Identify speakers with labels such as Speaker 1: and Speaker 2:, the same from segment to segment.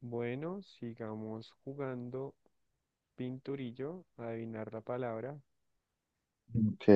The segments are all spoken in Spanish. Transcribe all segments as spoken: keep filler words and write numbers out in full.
Speaker 1: Bueno, sigamos jugando pinturillo, adivinar la palabra.
Speaker 2: Ok.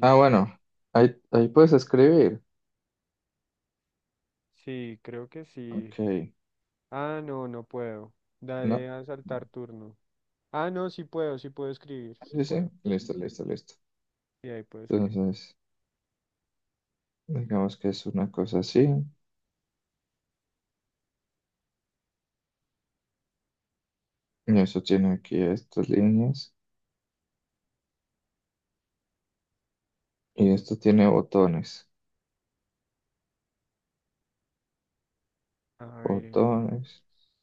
Speaker 2: Ah, bueno, ahí, ahí puedes escribir.
Speaker 1: Sí, creo que sí.
Speaker 2: Ok.
Speaker 1: Ah, no, no puedo.
Speaker 2: No.
Speaker 1: Dale a saltar turno. Ah, no, sí puedo, sí puedo escribir, sí
Speaker 2: Sí, sí.
Speaker 1: puedo.
Speaker 2: Listo, listo, listo.
Speaker 1: Y ahí puedo escribir.
Speaker 2: Entonces, digamos que es una cosa así. Y eso tiene aquí estas líneas. Y esto tiene botones.
Speaker 1: A ver,
Speaker 2: Botones.
Speaker 1: entonces.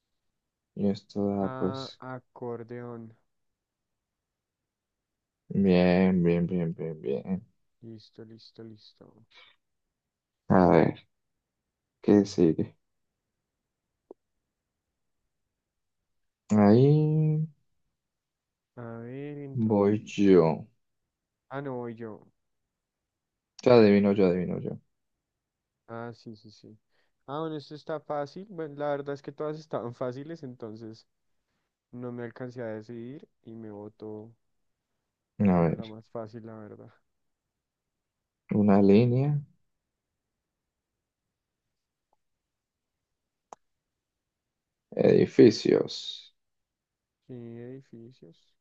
Speaker 2: Y esto da,
Speaker 1: Ah,
Speaker 2: pues,
Speaker 1: acordeón.
Speaker 2: bien, bien, bien, bien, bien.
Speaker 1: Listo, listo, listo.
Speaker 2: A ver, ¿qué sigue? Ahí
Speaker 1: A ver, entonces.
Speaker 2: voy yo.
Speaker 1: Ah, no, voy yo.
Speaker 2: Ya adivino yo, adivino yo.
Speaker 1: Ah, sí, sí, sí. Ah, bueno, esto está fácil. Bueno, la verdad es que todas estaban fáciles, entonces no me alcancé a decidir y me votó
Speaker 2: A
Speaker 1: como la
Speaker 2: ver,
Speaker 1: más fácil, la verdad.
Speaker 2: una línea. Edificios.
Speaker 1: Sí, edificios.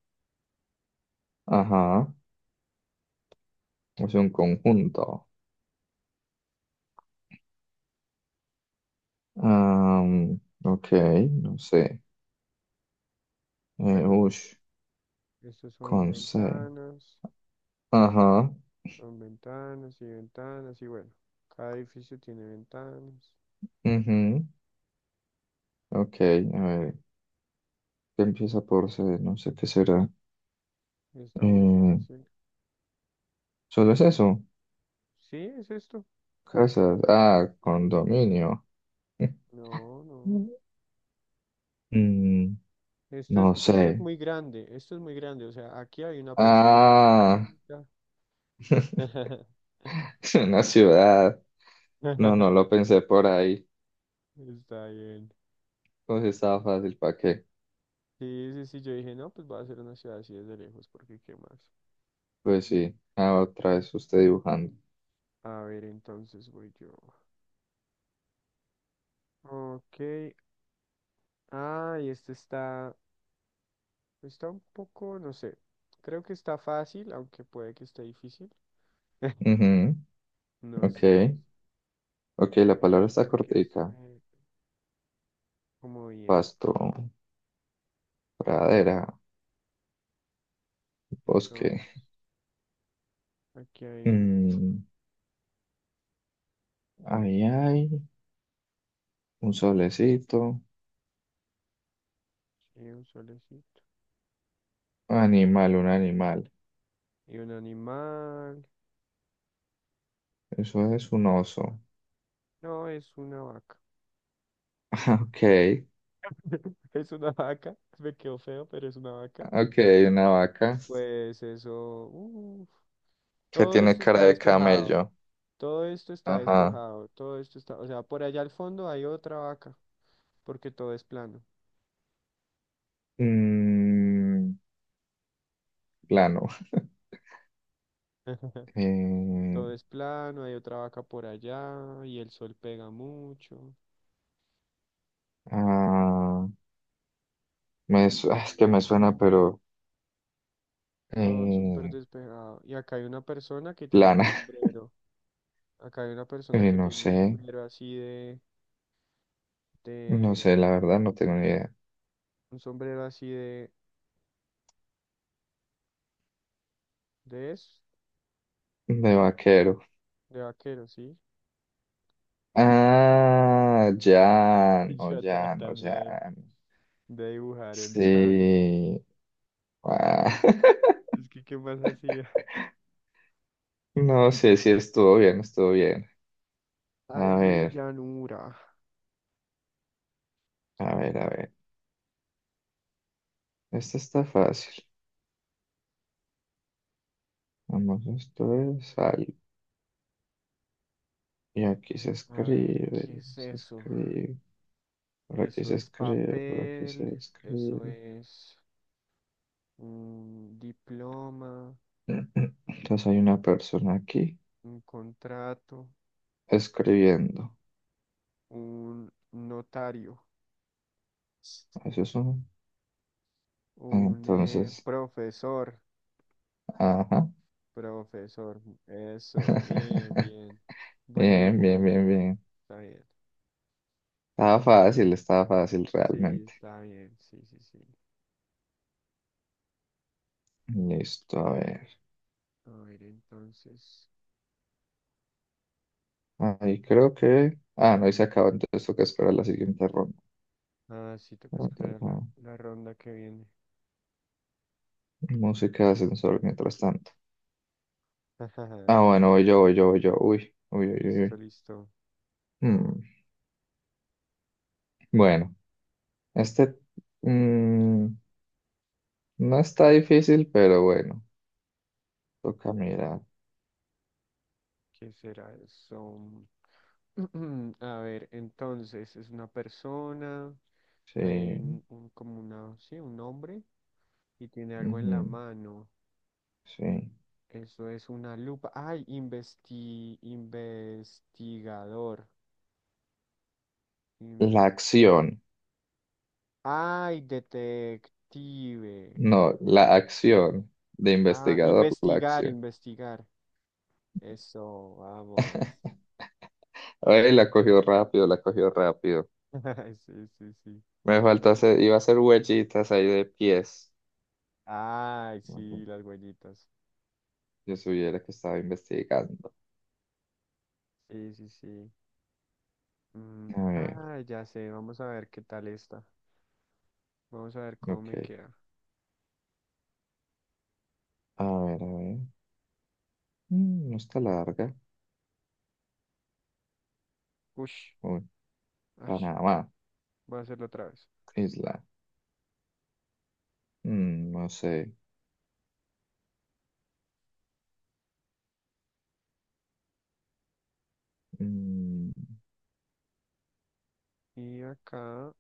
Speaker 2: Ajá. Es un conjunto. Am, ok, no sé. Eh,
Speaker 1: Bueno,
Speaker 2: ush,
Speaker 1: estos son
Speaker 2: con ce.
Speaker 1: ventanas,
Speaker 2: Ajá.
Speaker 1: son ventanas y ventanas y bueno, cada edificio tiene ventanas.
Speaker 2: Ujú. Ok, a ver. ¿Qué empieza por ce? No sé qué será.
Speaker 1: Está muy
Speaker 2: Eh,
Speaker 1: fácil.
Speaker 2: ¿Solo es eso?
Speaker 1: Sí, es esto.
Speaker 2: Casas. Ah, condominio.
Speaker 1: No, no.
Speaker 2: Mm,
Speaker 1: Esto es,
Speaker 2: no sé.
Speaker 1: esto es muy grande, esto es muy grande. O sea, aquí hay una persona
Speaker 2: Ah,
Speaker 1: pequeñita.
Speaker 2: es una ciudad. No, no lo pensé por ahí.
Speaker 1: Está bien.
Speaker 2: Pues estaba fácil, ¿para qué?
Speaker 1: Sí, sí, sí, yo dije, no, pues va a ser una ciudad así desde lejos, porque qué más.
Speaker 2: Pues sí. Ah, otra vez usted dibujando.
Speaker 1: A ver, entonces voy yo. Ok. Ah, y este está, Está un poco, no sé. Creo que está fácil, aunque puede que esté difícil.
Speaker 2: Ujú,
Speaker 1: No
Speaker 2: ok.
Speaker 1: sé, no sé.
Speaker 2: Ok,
Speaker 1: Voy
Speaker 2: la
Speaker 1: a
Speaker 2: palabra está
Speaker 1: intentar que
Speaker 2: cortica.
Speaker 1: esté como bien.
Speaker 2: Pasto, pradera, bosque.
Speaker 1: Entonces, aquí hay
Speaker 2: Mm, Ahí hay un solecito.
Speaker 1: eh, un solecito
Speaker 2: Animal, un animal.
Speaker 1: y un animal.
Speaker 2: Eso es un oso.
Speaker 1: No, es una vaca.
Speaker 2: Ok,
Speaker 1: Es una vaca. Me quedó feo, pero es una vaca.
Speaker 2: ok, una
Speaker 1: Y
Speaker 2: vaca
Speaker 1: pues eso, uf,
Speaker 2: que
Speaker 1: todo
Speaker 2: tiene
Speaker 1: esto
Speaker 2: cara
Speaker 1: está
Speaker 2: de
Speaker 1: despejado.
Speaker 2: camello.
Speaker 1: Todo esto está
Speaker 2: Ajá.
Speaker 1: despejado, todo esto está, o sea, por allá al fondo hay otra vaca, porque todo es plano.
Speaker 2: Mm, plano. Eh,
Speaker 1: Todo es plano, hay otra vaca por allá y el sol pega mucho,
Speaker 2: ah, me su- ah, es que me suena, pero
Speaker 1: todo súper
Speaker 2: eh,
Speaker 1: despejado. Y acá hay una persona que tiene un
Speaker 2: plana.
Speaker 1: sombrero, acá hay una persona
Speaker 2: Eh,
Speaker 1: que
Speaker 2: no
Speaker 1: tiene un
Speaker 2: sé,
Speaker 1: sombrero así de,
Speaker 2: no sé,
Speaker 1: de,
Speaker 2: la verdad, no tengo ni idea.
Speaker 1: un sombrero así de, de eso,
Speaker 2: De vaquero.
Speaker 1: de vaquero, ¿sí?
Speaker 2: Ah, Jan,
Speaker 1: Y
Speaker 2: o
Speaker 1: yo
Speaker 2: Jan, o
Speaker 1: tratando de,
Speaker 2: Jan.
Speaker 1: de dibujar el llano.
Speaker 2: Sí. Ah,
Speaker 1: Es que, ¿qué más hacía?
Speaker 2: No sé si estuvo bien, estuvo bien.
Speaker 1: Ay,
Speaker 2: A
Speaker 1: mi
Speaker 2: ver,
Speaker 1: llanura.
Speaker 2: a ver, a ver. Esta está fácil. Vamos, esto es algo. Y aquí se
Speaker 1: A ver,
Speaker 2: escribe,
Speaker 1: ¿qué es
Speaker 2: se
Speaker 1: eso?
Speaker 2: escribe, por aquí
Speaker 1: Eso
Speaker 2: se
Speaker 1: es
Speaker 2: escribe, por aquí
Speaker 1: papel,
Speaker 2: se
Speaker 1: eso
Speaker 2: escribe.
Speaker 1: es un diploma,
Speaker 2: Entonces hay una persona aquí
Speaker 1: un contrato,
Speaker 2: escribiendo.
Speaker 1: un notario,
Speaker 2: Eso es un...
Speaker 1: un eh,
Speaker 2: Entonces,
Speaker 1: profesor,
Speaker 2: ajá.
Speaker 1: profesor. Eso, bien, bien. Buen
Speaker 2: Bien,
Speaker 1: dibujo,
Speaker 2: bien,
Speaker 1: buen
Speaker 2: bien,
Speaker 1: dibujo.
Speaker 2: bien.
Speaker 1: Está bien.
Speaker 2: Estaba
Speaker 1: La-
Speaker 2: fácil, estaba fácil
Speaker 1: Sí,
Speaker 2: realmente.
Speaker 1: está bien, sí, sí, sí.
Speaker 2: Listo, a ver.
Speaker 1: A ver, entonces.
Speaker 2: Ahí creo que... Ah, no, y se acabó, entonces toca esperar la siguiente ronda.
Speaker 1: Ah, sí,
Speaker 2: Ah,
Speaker 1: toca
Speaker 2: ah,
Speaker 1: esperar la,
Speaker 2: ah.
Speaker 1: la ronda que viene.
Speaker 2: Música de ascensor mientras tanto. Ah, bueno, voy yo, voy yo, voy yo. Uy, uy, uy, uy.
Speaker 1: Listo,
Speaker 2: Uy.
Speaker 1: listo.
Speaker 2: Mm, Bueno, este mm, no está difícil, pero bueno, toca mirar.
Speaker 1: ¿Qué será eso? A ver, entonces es una persona, ahí hay
Speaker 2: Sí,
Speaker 1: un, un- como una, sí, un hombre y tiene algo en la
Speaker 2: ujú,
Speaker 1: mano.
Speaker 2: sí.
Speaker 1: Eso es una lupa. Ay, investi- investigador.
Speaker 2: La
Speaker 1: Inves-
Speaker 2: acción,
Speaker 1: Ay, detective.
Speaker 2: no,
Speaker 1: Eh,
Speaker 2: la acción de
Speaker 1: ah,
Speaker 2: investigador, la
Speaker 1: investigar,
Speaker 2: acción.
Speaker 1: investigar. Eso, vamos.
Speaker 2: Ay, la cogió rápido, la cogió rápido.
Speaker 1: Sí, sí, sí.
Speaker 2: Me faltó
Speaker 1: Es que-
Speaker 2: hacer, iba a hacer huellitas ahí de pies.
Speaker 1: Ay,
Speaker 2: Ok,
Speaker 1: sí, las huellitas.
Speaker 2: yo supiera que estaba investigando.
Speaker 1: Sí, sí, sí. Mm,
Speaker 2: A ver,
Speaker 1: ah, ya sé, vamos a ver qué tal está. Vamos a ver cómo me
Speaker 2: ok.
Speaker 1: queda.
Speaker 2: A ver, a ver. Mm, no está larga.
Speaker 1: Ush,
Speaker 2: Uy,
Speaker 1: ash,
Speaker 2: Panamá,
Speaker 1: voy a hacerlo otra vez.
Speaker 2: isla. Mm, no sé. Mm,
Speaker 1: Y acá,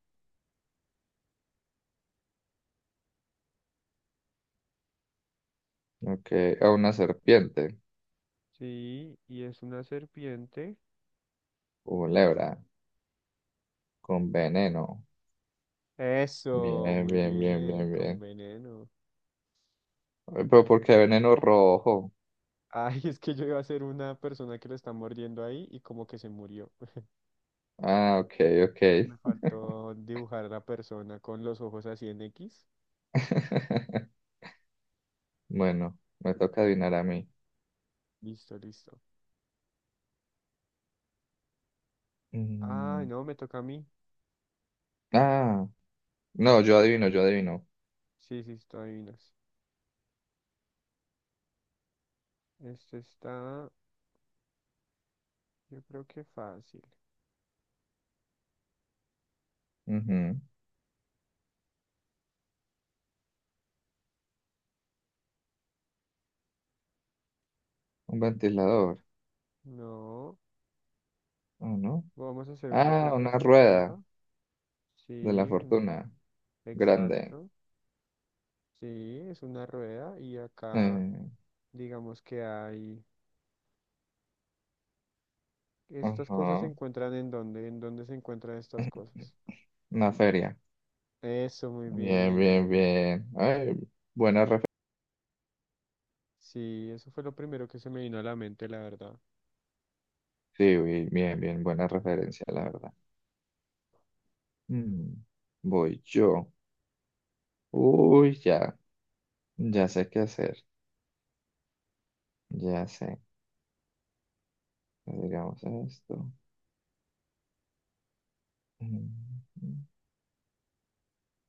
Speaker 2: ok, a una serpiente.
Speaker 1: sí, y es una serpiente.
Speaker 2: Un lebra. Con veneno.
Speaker 1: Eso,
Speaker 2: Bien,
Speaker 1: muy
Speaker 2: bien, bien,
Speaker 1: bien,
Speaker 2: bien,
Speaker 1: con
Speaker 2: bien.
Speaker 1: veneno.
Speaker 2: Ay, pero ¿por qué veneno rojo?
Speaker 1: Ay, es que yo iba a ser una persona que lo está mordiendo ahí y como que se murió.
Speaker 2: Ah, ok, ok.
Speaker 1: Me, me faltó dibujar a la persona con los ojos así en X.
Speaker 2: Bueno, me toca adivinar a mí.
Speaker 1: Listo, listo. Ay,
Speaker 2: Mm,
Speaker 1: no, me toca a mí.
Speaker 2: Ah, no, yo adivino, yo adivino.
Speaker 1: Sí, sí, tú adivinas. Este está, yo creo que fácil.
Speaker 2: Ujú, un ventilador,
Speaker 1: No,
Speaker 2: ¿o no?
Speaker 1: vamos a hacer un poco de
Speaker 2: Ah, una rueda
Speaker 1: perspectiva.
Speaker 2: de la
Speaker 1: Sí, un-
Speaker 2: fortuna, grande.
Speaker 1: exacto. Sí, es una rueda y acá
Speaker 2: Eh,
Speaker 1: digamos que hay... Estas cosas se
Speaker 2: ajá,
Speaker 1: encuentran en dónde, en dónde se encuentran estas cosas.
Speaker 2: una feria.
Speaker 1: Eso, muy
Speaker 2: Bien,
Speaker 1: bien, muy
Speaker 2: bien,
Speaker 1: bien.
Speaker 2: bien. Ay, buena referencia.
Speaker 1: Sí, eso fue lo primero que se me vino a la mente, la verdad.
Speaker 2: Sí, bi- bien, bien, buena referencia, la verdad. Mm, Voy yo. Uy, ya, ya sé qué hacer. Ya sé. Digamos esto. Mm,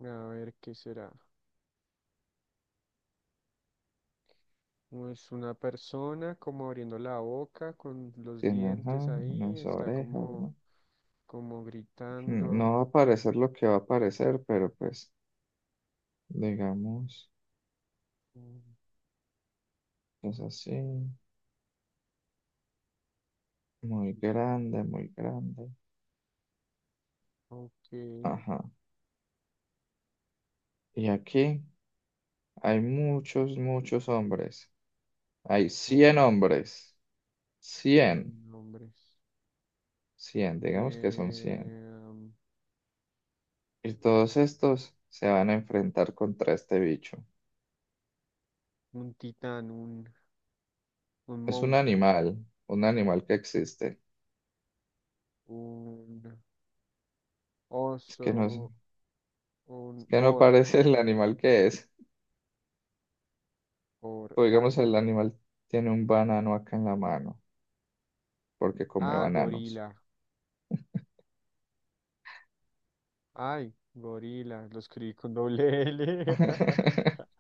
Speaker 1: A ver, ¿qué será? Es una persona como abriendo la boca con los
Speaker 2: Tiene,
Speaker 1: dientes
Speaker 2: ajá,
Speaker 1: ahí,
Speaker 2: unas
Speaker 1: está
Speaker 2: orejas,
Speaker 1: como,
Speaker 2: ¿no?
Speaker 1: como
Speaker 2: No, no
Speaker 1: gritando.
Speaker 2: va a aparecer lo que va a aparecer, pero pues, digamos,
Speaker 1: Mm,
Speaker 2: es así, muy grande, muy grande.
Speaker 1: ok,
Speaker 2: Ajá. Y aquí hay muchos, muchos hombres. Hay cien
Speaker 1: ok.
Speaker 2: hombres. cien
Speaker 1: Nombres.
Speaker 2: cien digamos que son cien.
Speaker 1: Eh,
Speaker 2: Y todos estos se van a enfrentar contra este bicho.
Speaker 1: un titán, un, un
Speaker 2: Es un
Speaker 1: monstruo,
Speaker 2: animal, un animal que existe.
Speaker 1: un
Speaker 2: Es que no, es
Speaker 1: oso,
Speaker 2: es
Speaker 1: un
Speaker 2: que no
Speaker 1: or,
Speaker 2: parece el animal que es.
Speaker 1: or
Speaker 2: O digamos,
Speaker 1: algo.
Speaker 2: el animal tiene un banano acá en la mano, porque come
Speaker 1: Ah,
Speaker 2: bananos.
Speaker 1: gorila. Ay, gorila. Lo escribí con doble L.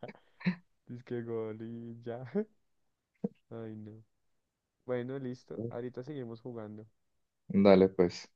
Speaker 1: Es que gorilla. Ay, no. Bueno, listo. Ahorita seguimos jugando.
Speaker 2: Dale, pues.